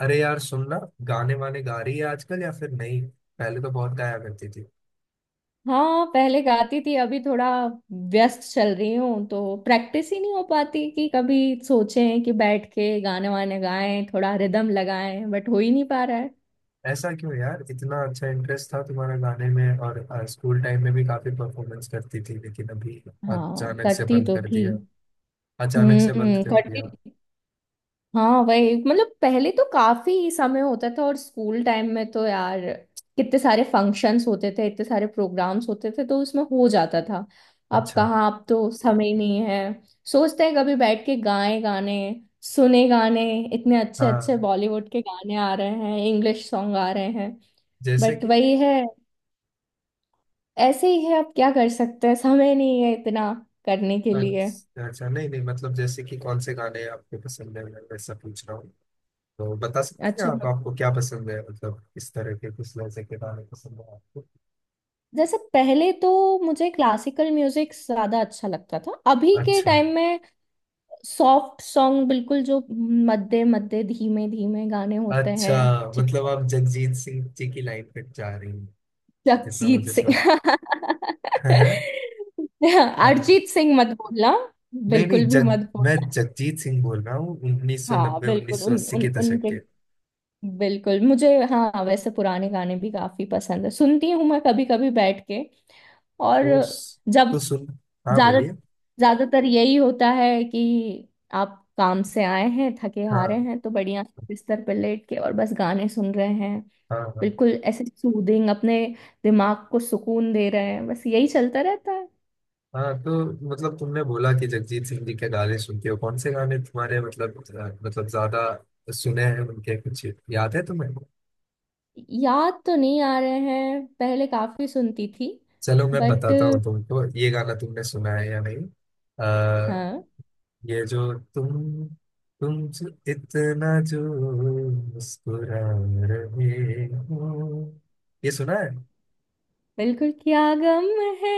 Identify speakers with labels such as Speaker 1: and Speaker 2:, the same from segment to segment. Speaker 1: अरे यार सुनना। गाने वाने गा रही है आजकल या फिर नहीं? पहले तो बहुत गाया करती थी।
Speaker 2: हाँ, पहले गाती थी। अभी थोड़ा व्यस्त चल रही हूँ तो प्रैक्टिस ही नहीं हो पाती कि कभी सोचें कि बैठ के गाने वाने गाएं, थोड़ा रिदम लगाएं, बट हो ही नहीं पा रहा है।
Speaker 1: ऐसा क्यों यार, इतना अच्छा इंटरेस्ट था तुम्हारा गाने में, और स्कूल टाइम में भी काफी परफॉर्मेंस करती थी, लेकिन अभी
Speaker 2: हाँ,
Speaker 1: अचानक से
Speaker 2: करती
Speaker 1: बंद
Speaker 2: तो
Speaker 1: कर
Speaker 2: थी।
Speaker 1: दिया। अचानक से बंद कर
Speaker 2: करती।
Speaker 1: दिया।
Speaker 2: हाँ, वही मतलब पहले तो काफी समय होता था, और स्कूल टाइम में तो यार कितने सारे फंक्शंस होते थे, इतने सारे प्रोग्राम्स होते थे, तो उसमें हो जाता था। अब
Speaker 1: अच्छा।
Speaker 2: कहाँ, अब तो समय ही नहीं है। सोचते हैं कभी बैठ के गाए गाने, सुने गाने। इतने अच्छे अच्छे
Speaker 1: हाँ,
Speaker 2: बॉलीवुड के गाने आ रहे हैं, इंग्लिश सॉन्ग आ रहे हैं।
Speaker 1: जैसे
Speaker 2: बट
Speaker 1: कि
Speaker 2: वही है, ऐसे ही है। अब क्या कर सकते हैं, समय नहीं है इतना करने के लिए।
Speaker 1: अच्छा अच्छा, नहीं नहीं, मतलब जैसे कि कौन से गाने आपके पसंद है, मैं वैसा पूछ रहा हूँ। तो बता सकती हैं
Speaker 2: अच्छा,
Speaker 1: आप, आपको क्या पसंद है, मतलब किस तरह के, किस लहजे के गाने पसंद है आपको।
Speaker 2: जैसे पहले तो मुझे क्लासिकल म्यूजिक ज्यादा अच्छा लगता था। अभी के
Speaker 1: अच्छा
Speaker 2: टाइम में सॉफ्ट सॉन्ग, बिल्कुल जो मध्य मध्य धीमे धीमे गाने होते
Speaker 1: अच्छा,
Speaker 2: हैं। ठीक
Speaker 1: मतलब
Speaker 2: है।
Speaker 1: आप जगजीत सिंह जी की लाइन पे जा रही हैं। जितना
Speaker 2: जगजीत
Speaker 1: मुझे
Speaker 2: सिंह।
Speaker 1: सब है।
Speaker 2: अरिजीत सिंह मत बोलना,
Speaker 1: नहीं
Speaker 2: बिल्कुल
Speaker 1: नहीं
Speaker 2: भी
Speaker 1: जग,
Speaker 2: मत
Speaker 1: मैं
Speaker 2: बोलना।
Speaker 1: जगजीत सिंह बोल रहा हूँ,
Speaker 2: हाँ
Speaker 1: 1990
Speaker 2: बिल्कुल उन
Speaker 1: 1980
Speaker 2: उन
Speaker 1: के दशक
Speaker 2: उनके
Speaker 1: के।
Speaker 2: बिल्कुल मुझे, हाँ, वैसे पुराने गाने भी काफी पसंद है, सुनती हूँ मैं कभी कभी बैठ के। और
Speaker 1: तो
Speaker 2: जब,
Speaker 1: तो सुन, हाँ
Speaker 2: ज्यादा
Speaker 1: बोलिए।
Speaker 2: ज्यादातर यही होता है कि आप काम से आए हैं, थके हारे
Speaker 1: हाँ
Speaker 2: हैं, तो बढ़िया से बिस्तर पर लेट के और बस गाने सुन रहे हैं,
Speaker 1: हाँ हाँ
Speaker 2: बिल्कुल ऐसे सूदिंग। अपने दिमाग को सुकून दे रहे हैं, बस यही चलता रहता है।
Speaker 1: हाँ। तो मतलब तुमने बोला कि जगजीत सिंह जी के गाने सुनते हो, कौन से गाने तुम्हारे, मतलब मतलब ज्यादा सुने हैं उनके, कुछ याद है तुम्हें?
Speaker 2: याद तो नहीं आ रहे हैं, पहले काफी सुनती थी।
Speaker 1: चलो मैं
Speaker 2: बट
Speaker 1: बताता हूँ तुमको, ये गाना तुमने सुना है या नहीं।
Speaker 2: हाँ,
Speaker 1: ये जो तुम, तुमसे इतना जो मुस्कुरा रहे हो, ये सुना है?
Speaker 2: बिल्कुल क्या गम है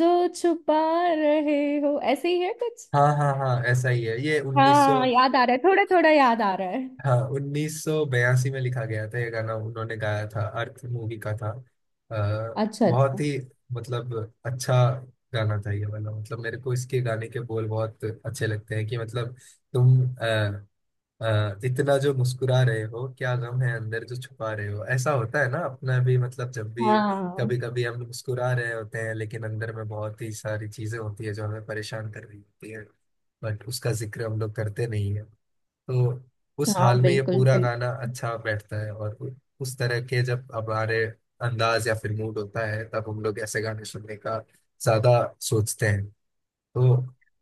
Speaker 2: जो छुपा रहे हो, ऐसे ही है कुछ।
Speaker 1: हाँ हाँ हाँ, ऐसा ही है ये।
Speaker 2: हाँ
Speaker 1: 1900,
Speaker 2: याद आ रहा है, थोड़ा थोड़ा याद आ रहा है।
Speaker 1: हाँ 1982 में लिखा गया था ये गाना, उन्होंने गाया था। अर्थ मूवी का था।
Speaker 2: अच्छा अच्छा।
Speaker 1: बहुत ही, मतलब अच्छा गाना था ये वाला। मतलब मेरे को इसके गाने के बोल बहुत अच्छे लगते हैं, कि मतलब, तुम, हाँ इतना जो मुस्कुरा रहे हो, क्या गम है अंदर जो छुपा रहे हो। ऐसा होता है ना अपना भी, मतलब जब भी, कभी
Speaker 2: हाँ
Speaker 1: कभी हम मुस्कुरा रहे होते हैं, लेकिन अंदर में बहुत ही सारी चीजें होती है जो हमें परेशान कर रही होती है, बट उसका जिक्र हम लोग करते नहीं है। तो उस
Speaker 2: हाँ,
Speaker 1: हाल में ये
Speaker 2: बिल्कुल
Speaker 1: पूरा
Speaker 2: बिल्कुल।
Speaker 1: गाना अच्छा बैठता है, और उस तरह के जब हमारे अंदाज या फिर मूड होता है, तब हम लोग ऐसे गाने सुनने का ज्यादा सोचते हैं। तो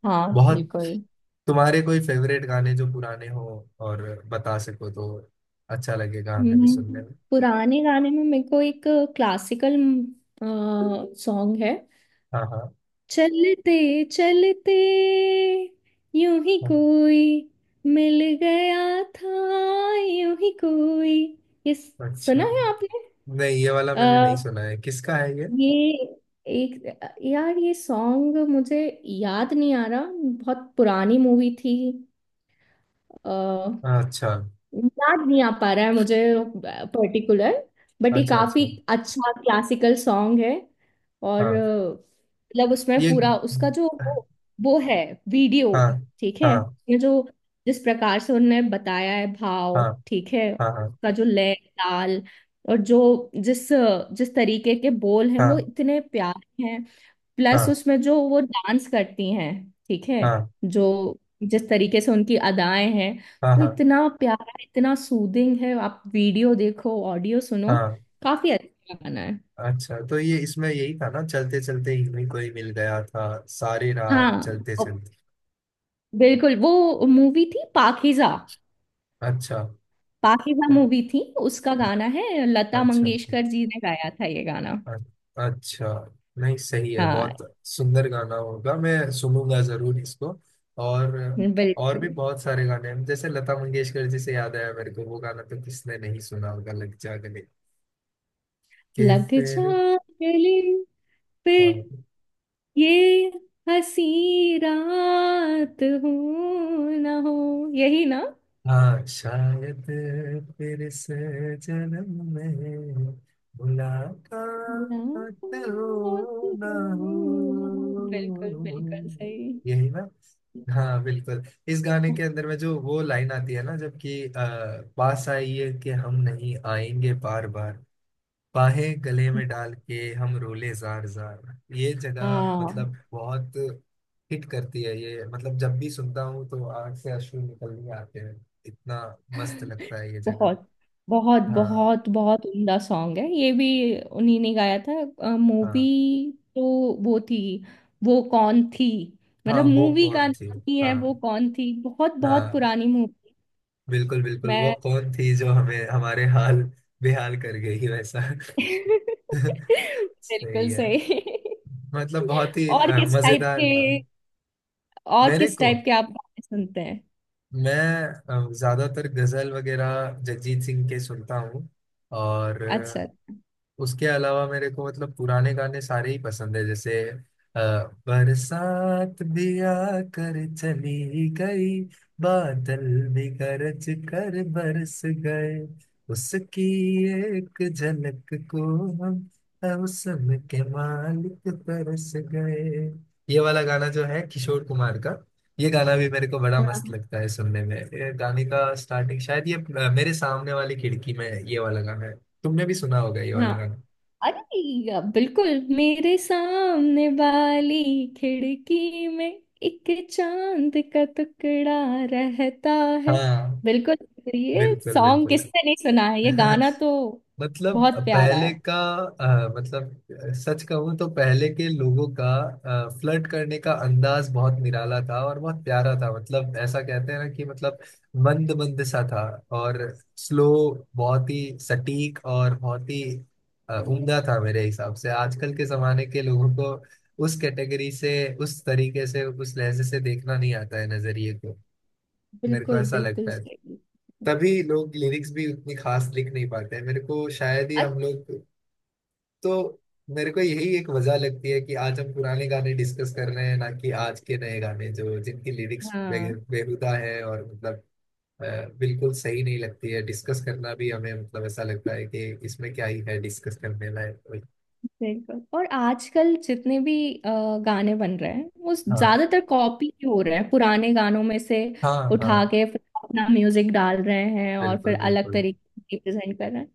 Speaker 2: हाँ
Speaker 1: बहुत,
Speaker 2: बिल्कुल।
Speaker 1: तुम्हारे कोई फेवरेट गाने जो पुराने हो और बता सको तो अच्छा लगेगा, हमें भी सुनने
Speaker 2: हम्म,
Speaker 1: में।
Speaker 2: पुराने गाने में मेरे को एक क्लासिकल सॉन्ग है,
Speaker 1: हाँ हाँ
Speaker 2: चलते चलते यूं ही
Speaker 1: हाँ,
Speaker 2: कोई मिल गया था, यूं ही कोई। ये सुना
Speaker 1: अच्छा।
Speaker 2: है आपने?
Speaker 1: नहीं, ये वाला मैंने नहीं
Speaker 2: अ,
Speaker 1: सुना है, किसका है ये?
Speaker 2: ये एक, यार ये सॉन्ग मुझे याद नहीं आ रहा, बहुत पुरानी मूवी थी।
Speaker 1: हाँ, अच्छा
Speaker 2: याद नहीं आ पा रहा है मुझे पर्टिकुलर, बट ये
Speaker 1: अच्छा
Speaker 2: काफी
Speaker 1: अच्छा।
Speaker 2: अच्छा क्लासिकल सॉन्ग है। और
Speaker 1: हाँ
Speaker 2: मतलब उसमें
Speaker 1: ये।
Speaker 2: पूरा उसका जो
Speaker 1: हाँ
Speaker 2: वो है वीडियो। ठीक है।
Speaker 1: हाँ
Speaker 2: ये जो, जिस प्रकार से उन्होंने बताया है भाव,
Speaker 1: हाँ
Speaker 2: ठीक है,
Speaker 1: हाँ हाँ
Speaker 2: उसका जो लय ताल, और जो जिस जिस तरीके के बोल हैं वो
Speaker 1: हाँ
Speaker 2: इतने प्यारे हैं। प्लस
Speaker 1: हाँ
Speaker 2: उसमें जो वो डांस करती हैं, ठीक है,
Speaker 1: हाँ
Speaker 2: जो जिस तरीके से उनकी अदाएं हैं,
Speaker 1: हाँ
Speaker 2: वो
Speaker 1: हाँ
Speaker 2: इतना प्यारा, इतना सूदिंग है। आप वीडियो देखो, ऑडियो सुनो,
Speaker 1: हाँ,
Speaker 2: काफी अच्छा गाना है।
Speaker 1: अच्छा तो ये इसमें यही था ना, चलते चलते ही कोई मिल गया था, सारे राह
Speaker 2: हाँ
Speaker 1: चलते चलते।
Speaker 2: बिल्कुल वो मूवी थी पाकीज़ा।
Speaker 1: अच्छा
Speaker 2: पाकीज़ा मूवी थी, उसका गाना है, लता
Speaker 1: अच्छा अच्छा
Speaker 2: मंगेशकर जी ने गाया था ये गाना।
Speaker 1: अ- अच्छा। नहीं सही है,
Speaker 2: हाँ
Speaker 1: बहुत सुंदर गाना होगा, मैं सुनूंगा जरूर इसको। और और
Speaker 2: बिल्कुल,
Speaker 1: भी बहुत सारे गाने हैं, जैसे लता मंगेशकर जी से याद आया मेरे को वो गाना, तो किसने नहीं सुना होगा लग जा गले के
Speaker 2: लग जा
Speaker 1: फिर।
Speaker 2: गले फिर ये हसी रात हो ना हो, यही ना?
Speaker 1: हाँ शायद, फिर से जन्म में
Speaker 2: रात
Speaker 1: मुलाकात
Speaker 2: हो
Speaker 1: हो ना
Speaker 2: ना हो। बिल्कुल
Speaker 1: हो,
Speaker 2: बिल्कुल सही।
Speaker 1: यही ना? हाँ बिल्कुल। इस गाने के अंदर में जो वो लाइन आती है ना, जबकि पास आई है कि हम नहीं आएंगे बार बार, बाहें गले में डाल के हम रोले जार जार, ये जगह मतलब
Speaker 2: हाँ,
Speaker 1: बहुत हिट करती है ये, मतलब जब भी सुनता हूँ तो आंख से अश्रु निकलने आते हैं, इतना मस्त लगता है ये जगह।
Speaker 2: बहुत बहुत
Speaker 1: हाँ
Speaker 2: बहुत बहुत उम्दा सॉन्ग है ये भी। उन्हीं ने गाया था। मूवी
Speaker 1: हाँ
Speaker 2: तो वो थी, वो कौन थी।
Speaker 1: हाँ,
Speaker 2: मतलब
Speaker 1: वो
Speaker 2: मूवी का
Speaker 1: कौन थी।
Speaker 2: नाम ही है,
Speaker 1: हाँ
Speaker 2: वो कौन थी। बहुत बहुत
Speaker 1: हाँ,
Speaker 2: पुरानी मूवी।
Speaker 1: बिल्कुल बिल्कुल, वो
Speaker 2: मैं
Speaker 1: कौन थी जो हमें हमारे हाल बेहाल कर गई, वैसा। सही
Speaker 2: बिल्कुल
Speaker 1: है।
Speaker 2: सही।
Speaker 1: मतलब बहुत ही
Speaker 2: और किस टाइप
Speaker 1: मजेदार
Speaker 2: के,
Speaker 1: था।
Speaker 2: और
Speaker 1: मेरे
Speaker 2: किस
Speaker 1: को,
Speaker 2: टाइप के आप गाने सुनते हैं?
Speaker 1: मैं ज्यादातर गजल वगैरह जगजीत सिंह के सुनता हूँ, और
Speaker 2: अच्छा।
Speaker 1: उसके अलावा मेरे को मतलब पुराने गाने सारे ही पसंद है। जैसे अ, बरसात भी आकर चली गई, बादल भी गरज कर बरस गए, उसकी एक झलक को हम मौसम के मालिक बरस गए, ये वाला गाना जो है किशोर कुमार का, ये गाना भी मेरे को बड़ा मस्त
Speaker 2: हाँ
Speaker 1: लगता है सुनने में। ये गाने का स्टार्टिंग शायद ये मेरे सामने वाली खिड़की में, ये वाला गाना है, तुमने भी सुना होगा ये वाला
Speaker 2: हाँ।
Speaker 1: गाना।
Speaker 2: अरे बिल्कुल मेरे सामने वाली खिड़की में एक चांद का टुकड़ा रहता है।
Speaker 1: हाँ
Speaker 2: बिल्कुल ये
Speaker 1: बिल्कुल
Speaker 2: सॉन्ग,
Speaker 1: बिल्कुल।
Speaker 2: किसने नहीं सुना है ये गाना तो,
Speaker 1: मतलब
Speaker 2: बहुत प्यारा
Speaker 1: पहले
Speaker 2: है।
Speaker 1: का मतलब सच कहूँ तो पहले के लोगों का फ्लर्ट करने का अंदाज बहुत निराला था और बहुत प्यारा था। मतलब ऐसा कहते हैं ना, कि मतलब मंद मंद सा था और स्लो, बहुत ही सटीक और बहुत ही उम्दा था। मेरे हिसाब से आजकल के जमाने के लोगों को उस कैटेगरी से, उस तरीके से, उस लहजे से देखना नहीं आता है नजरिए को, मेरे को
Speaker 2: बिल्कुल
Speaker 1: ऐसा लगता
Speaker 2: बिल्कुल
Speaker 1: है।
Speaker 2: सही।
Speaker 1: तभी लोग लिरिक्स भी उतनी खास लिख नहीं पाते हैं, मेरे को शायद ही
Speaker 2: अच्छा।
Speaker 1: हम लोग। तो मेरे को यही एक वजह लगती है कि आज हम पुराने गाने डिस्कस कर रहे हैं, ना कि आज के नए गाने जो जिनकी लिरिक्स
Speaker 2: हाँ
Speaker 1: बेहुदा है, और मतलब अ, बिल्कुल सही नहीं लगती है डिस्कस करना भी हमें, मतलब ऐसा लगता है कि इसमें क्या ही है डिस्कस करने लायक कोई।
Speaker 2: बिल्कुल। और आजकल जितने भी गाने बन रहे हैं वो
Speaker 1: हाँ
Speaker 2: ज्यादातर कॉपी ही हो रहे हैं, पुराने गानों में से
Speaker 1: हाँ हाँ,
Speaker 2: उठा के फिर अपना म्यूजिक डाल रहे हैं और फिर
Speaker 1: बिल्कुल
Speaker 2: अलग
Speaker 1: बिल्कुल।
Speaker 2: तरीके से प्रेजेंट कर रहे हैं।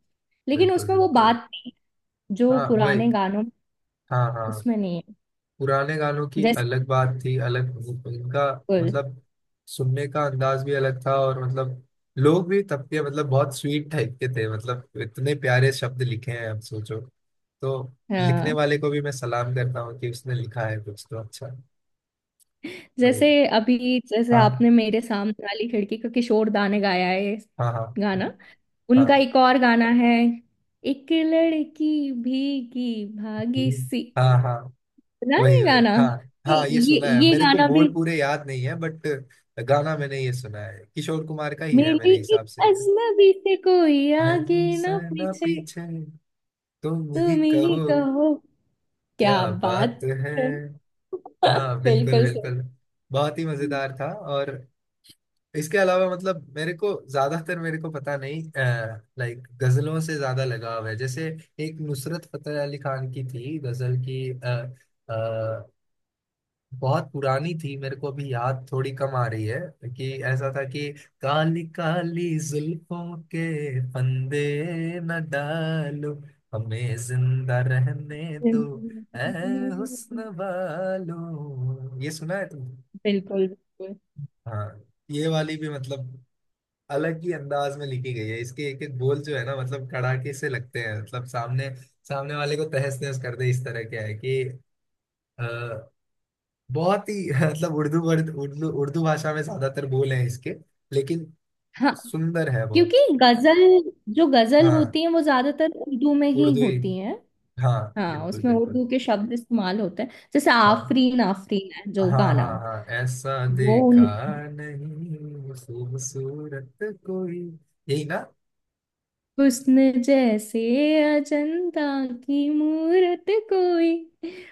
Speaker 2: लेकिन
Speaker 1: बिल्कुल
Speaker 2: उसमें वो
Speaker 1: बिल्कुल।
Speaker 2: बात नहीं है जो
Speaker 1: हाँ भाई,
Speaker 2: पुराने गानों में।
Speaker 1: हाँ हाँ।
Speaker 2: उसमें नहीं है।
Speaker 1: पुराने गानों की
Speaker 2: जैसे,
Speaker 1: अलग बात थी, अलग उनका
Speaker 2: बिल्कुल,
Speaker 1: मतलब सुनने का अंदाज भी अलग था, और मतलब लोग भी तब के मतलब बहुत स्वीट टाइप के थे, मतलब इतने प्यारे शब्द लिखे हैं, अब सोचो तो लिखने
Speaker 2: हाँ
Speaker 1: वाले को भी मैं सलाम करता हूँ कि उसने लिखा है कुछ तो अच्छा।
Speaker 2: जैसे,
Speaker 1: वही।
Speaker 2: अभी जैसे
Speaker 1: हाँ
Speaker 2: आपने, मेरे सामने वाली खिड़की का किशोर दा ने गाया है ये
Speaker 1: हाँ हाँ
Speaker 2: गाना।
Speaker 1: हाँ।
Speaker 2: उनका एक और गाना है, एक लड़की भीगी भागी
Speaker 1: हम्म,
Speaker 2: सी,
Speaker 1: हाँ हाँ।
Speaker 2: सुना है
Speaker 1: वही वही,
Speaker 2: गाना?
Speaker 1: हाँ
Speaker 2: ये
Speaker 1: हाँ, ये
Speaker 2: ये
Speaker 1: सुना है,
Speaker 2: ये
Speaker 1: मेरे को
Speaker 2: गाना
Speaker 1: बोल
Speaker 2: भी,
Speaker 1: पूरे याद नहीं है, बट गाना मैंने ये सुना है, किशोर कुमार का ही है
Speaker 2: मिली
Speaker 1: मेरे हिसाब
Speaker 2: एक
Speaker 1: से ये।
Speaker 2: अजनबी से कोई आगे
Speaker 1: हम
Speaker 2: ना
Speaker 1: सना
Speaker 2: पीछे,
Speaker 1: पीछे, तुम ही
Speaker 2: तुम ही
Speaker 1: कहो
Speaker 2: कहो क्या
Speaker 1: क्या बात
Speaker 2: बात
Speaker 1: है।
Speaker 2: है।
Speaker 1: हाँ बिल्कुल
Speaker 2: बिल्कुल सही।
Speaker 1: बिल्कुल, बहुत ही मजेदार था। और इसके अलावा मतलब मेरे को ज्यादातर, मेरे को पता नहीं, लाइक गजलों से ज्यादा लगाव है। जैसे एक नुसरत फतेह अली खान की थी गजल की, बहुत पुरानी थी, मेरे को अभी याद थोड़ी कम आ रही है, कि ऐसा था कि काली काली जुल्फों के फंदे न डालो, हमें जिंदा रहने दो ऐ
Speaker 2: बिल्कुल
Speaker 1: हुस्न वालो, ये सुना है तुमने?
Speaker 2: बिल्कुल।
Speaker 1: हाँ, ये वाली भी मतलब अलग ही अंदाज में लिखी गई है, इसके एक एक बोल जो है ना, मतलब कड़ाके से लगते हैं, मतलब सामने सामने वाले को तहस नहस कर दे इस तरह के है कि अ, बहुत ही मतलब उर्दू वर्ड, उर्दू उर्दू भाषा में ज्यादातर बोल हैं इसके, लेकिन
Speaker 2: हाँ,
Speaker 1: सुंदर है
Speaker 2: क्योंकि
Speaker 1: बहुत।
Speaker 2: गजल, जो गजल
Speaker 1: हाँ
Speaker 2: होती है वो ज्यादातर उर्दू में ही
Speaker 1: उर्दू ही,
Speaker 2: होती है।
Speaker 1: हाँ
Speaker 2: हाँ,
Speaker 1: बिल्कुल
Speaker 2: उसमें
Speaker 1: बिल्कुल।
Speaker 2: उर्दू के शब्द इस्तेमाल होते हैं, जैसे
Speaker 1: हाँ
Speaker 2: आफरीन आफरीन है
Speaker 1: हाँ
Speaker 2: जो गाना।
Speaker 1: हाँ हाँ ऐसा
Speaker 2: वो
Speaker 1: देखा, नहीं, खूबसूरत कोई, यही ना?
Speaker 2: हुस्न जैसे अजंता की मूरत कोई।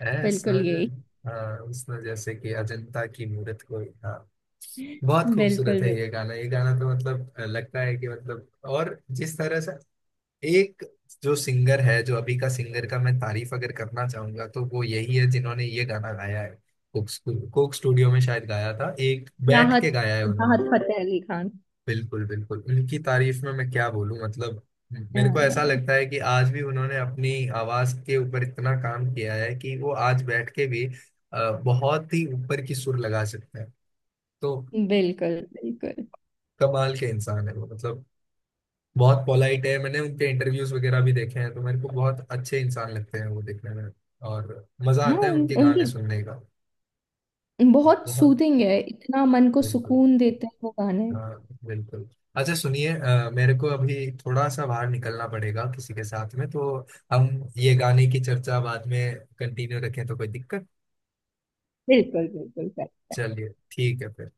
Speaker 1: ऐसा
Speaker 2: बिल्कुल यही।
Speaker 1: हाँ उसमें जैसे कि अजंता की मूरत कोई, हाँ बहुत
Speaker 2: बिल्कुल
Speaker 1: खूबसूरत है
Speaker 2: बिल्कुल।
Speaker 1: ये गाना, ये गाना तो मतलब लगता है कि मतलब, और जिस तरह से एक जो सिंगर है, जो अभी का सिंगर का मैं तारीफ अगर करना चाहूंगा तो वो यही है जिन्होंने ये गाना गाया है। कोक कोक स्टूडियो में शायद गाया था, एक बैठ
Speaker 2: राहत,
Speaker 1: के गाया है
Speaker 2: राहत
Speaker 1: उन्होंने।
Speaker 2: फतेह अली खान।
Speaker 1: बिल्कुल बिल्कुल, उनकी तारीफ में मैं क्या बोलूं, मतलब मेरे को ऐसा
Speaker 2: हाँ,
Speaker 1: लगता है कि आज भी उन्होंने अपनी आवाज के ऊपर इतना काम किया है कि वो आज बैठ के भी बहुत ही ऊपर की सुर लगा सकते हैं। तो
Speaker 2: बिल्कुल बिल्कुल।
Speaker 1: कमाल के इंसान है वो, मतलब बहुत पोलाइट है, मैंने उनके इंटरव्यूज वगैरह भी देखे हैं तो मेरे को बहुत अच्छे इंसान लगते हैं वो देखने में, और मजा
Speaker 2: हाँ,
Speaker 1: आता है उनके गाने
Speaker 2: उनकी
Speaker 1: सुनने का।
Speaker 2: बहुत
Speaker 1: बहुत
Speaker 2: सूदिंग है, इतना मन को
Speaker 1: बिल्कुल,
Speaker 2: सुकून देते हैं वो गाने।
Speaker 1: हाँ बिल्कुल। अच्छा सुनिए, मेरे को अभी थोड़ा सा बाहर निकलना पड़ेगा किसी के साथ में, तो हम ये गाने की चर्चा बाद में कंटिन्यू रखें, तो कोई दिक्कत?
Speaker 2: बिल्कुल बिल्कुल।
Speaker 1: चलिए ठीक है फिर।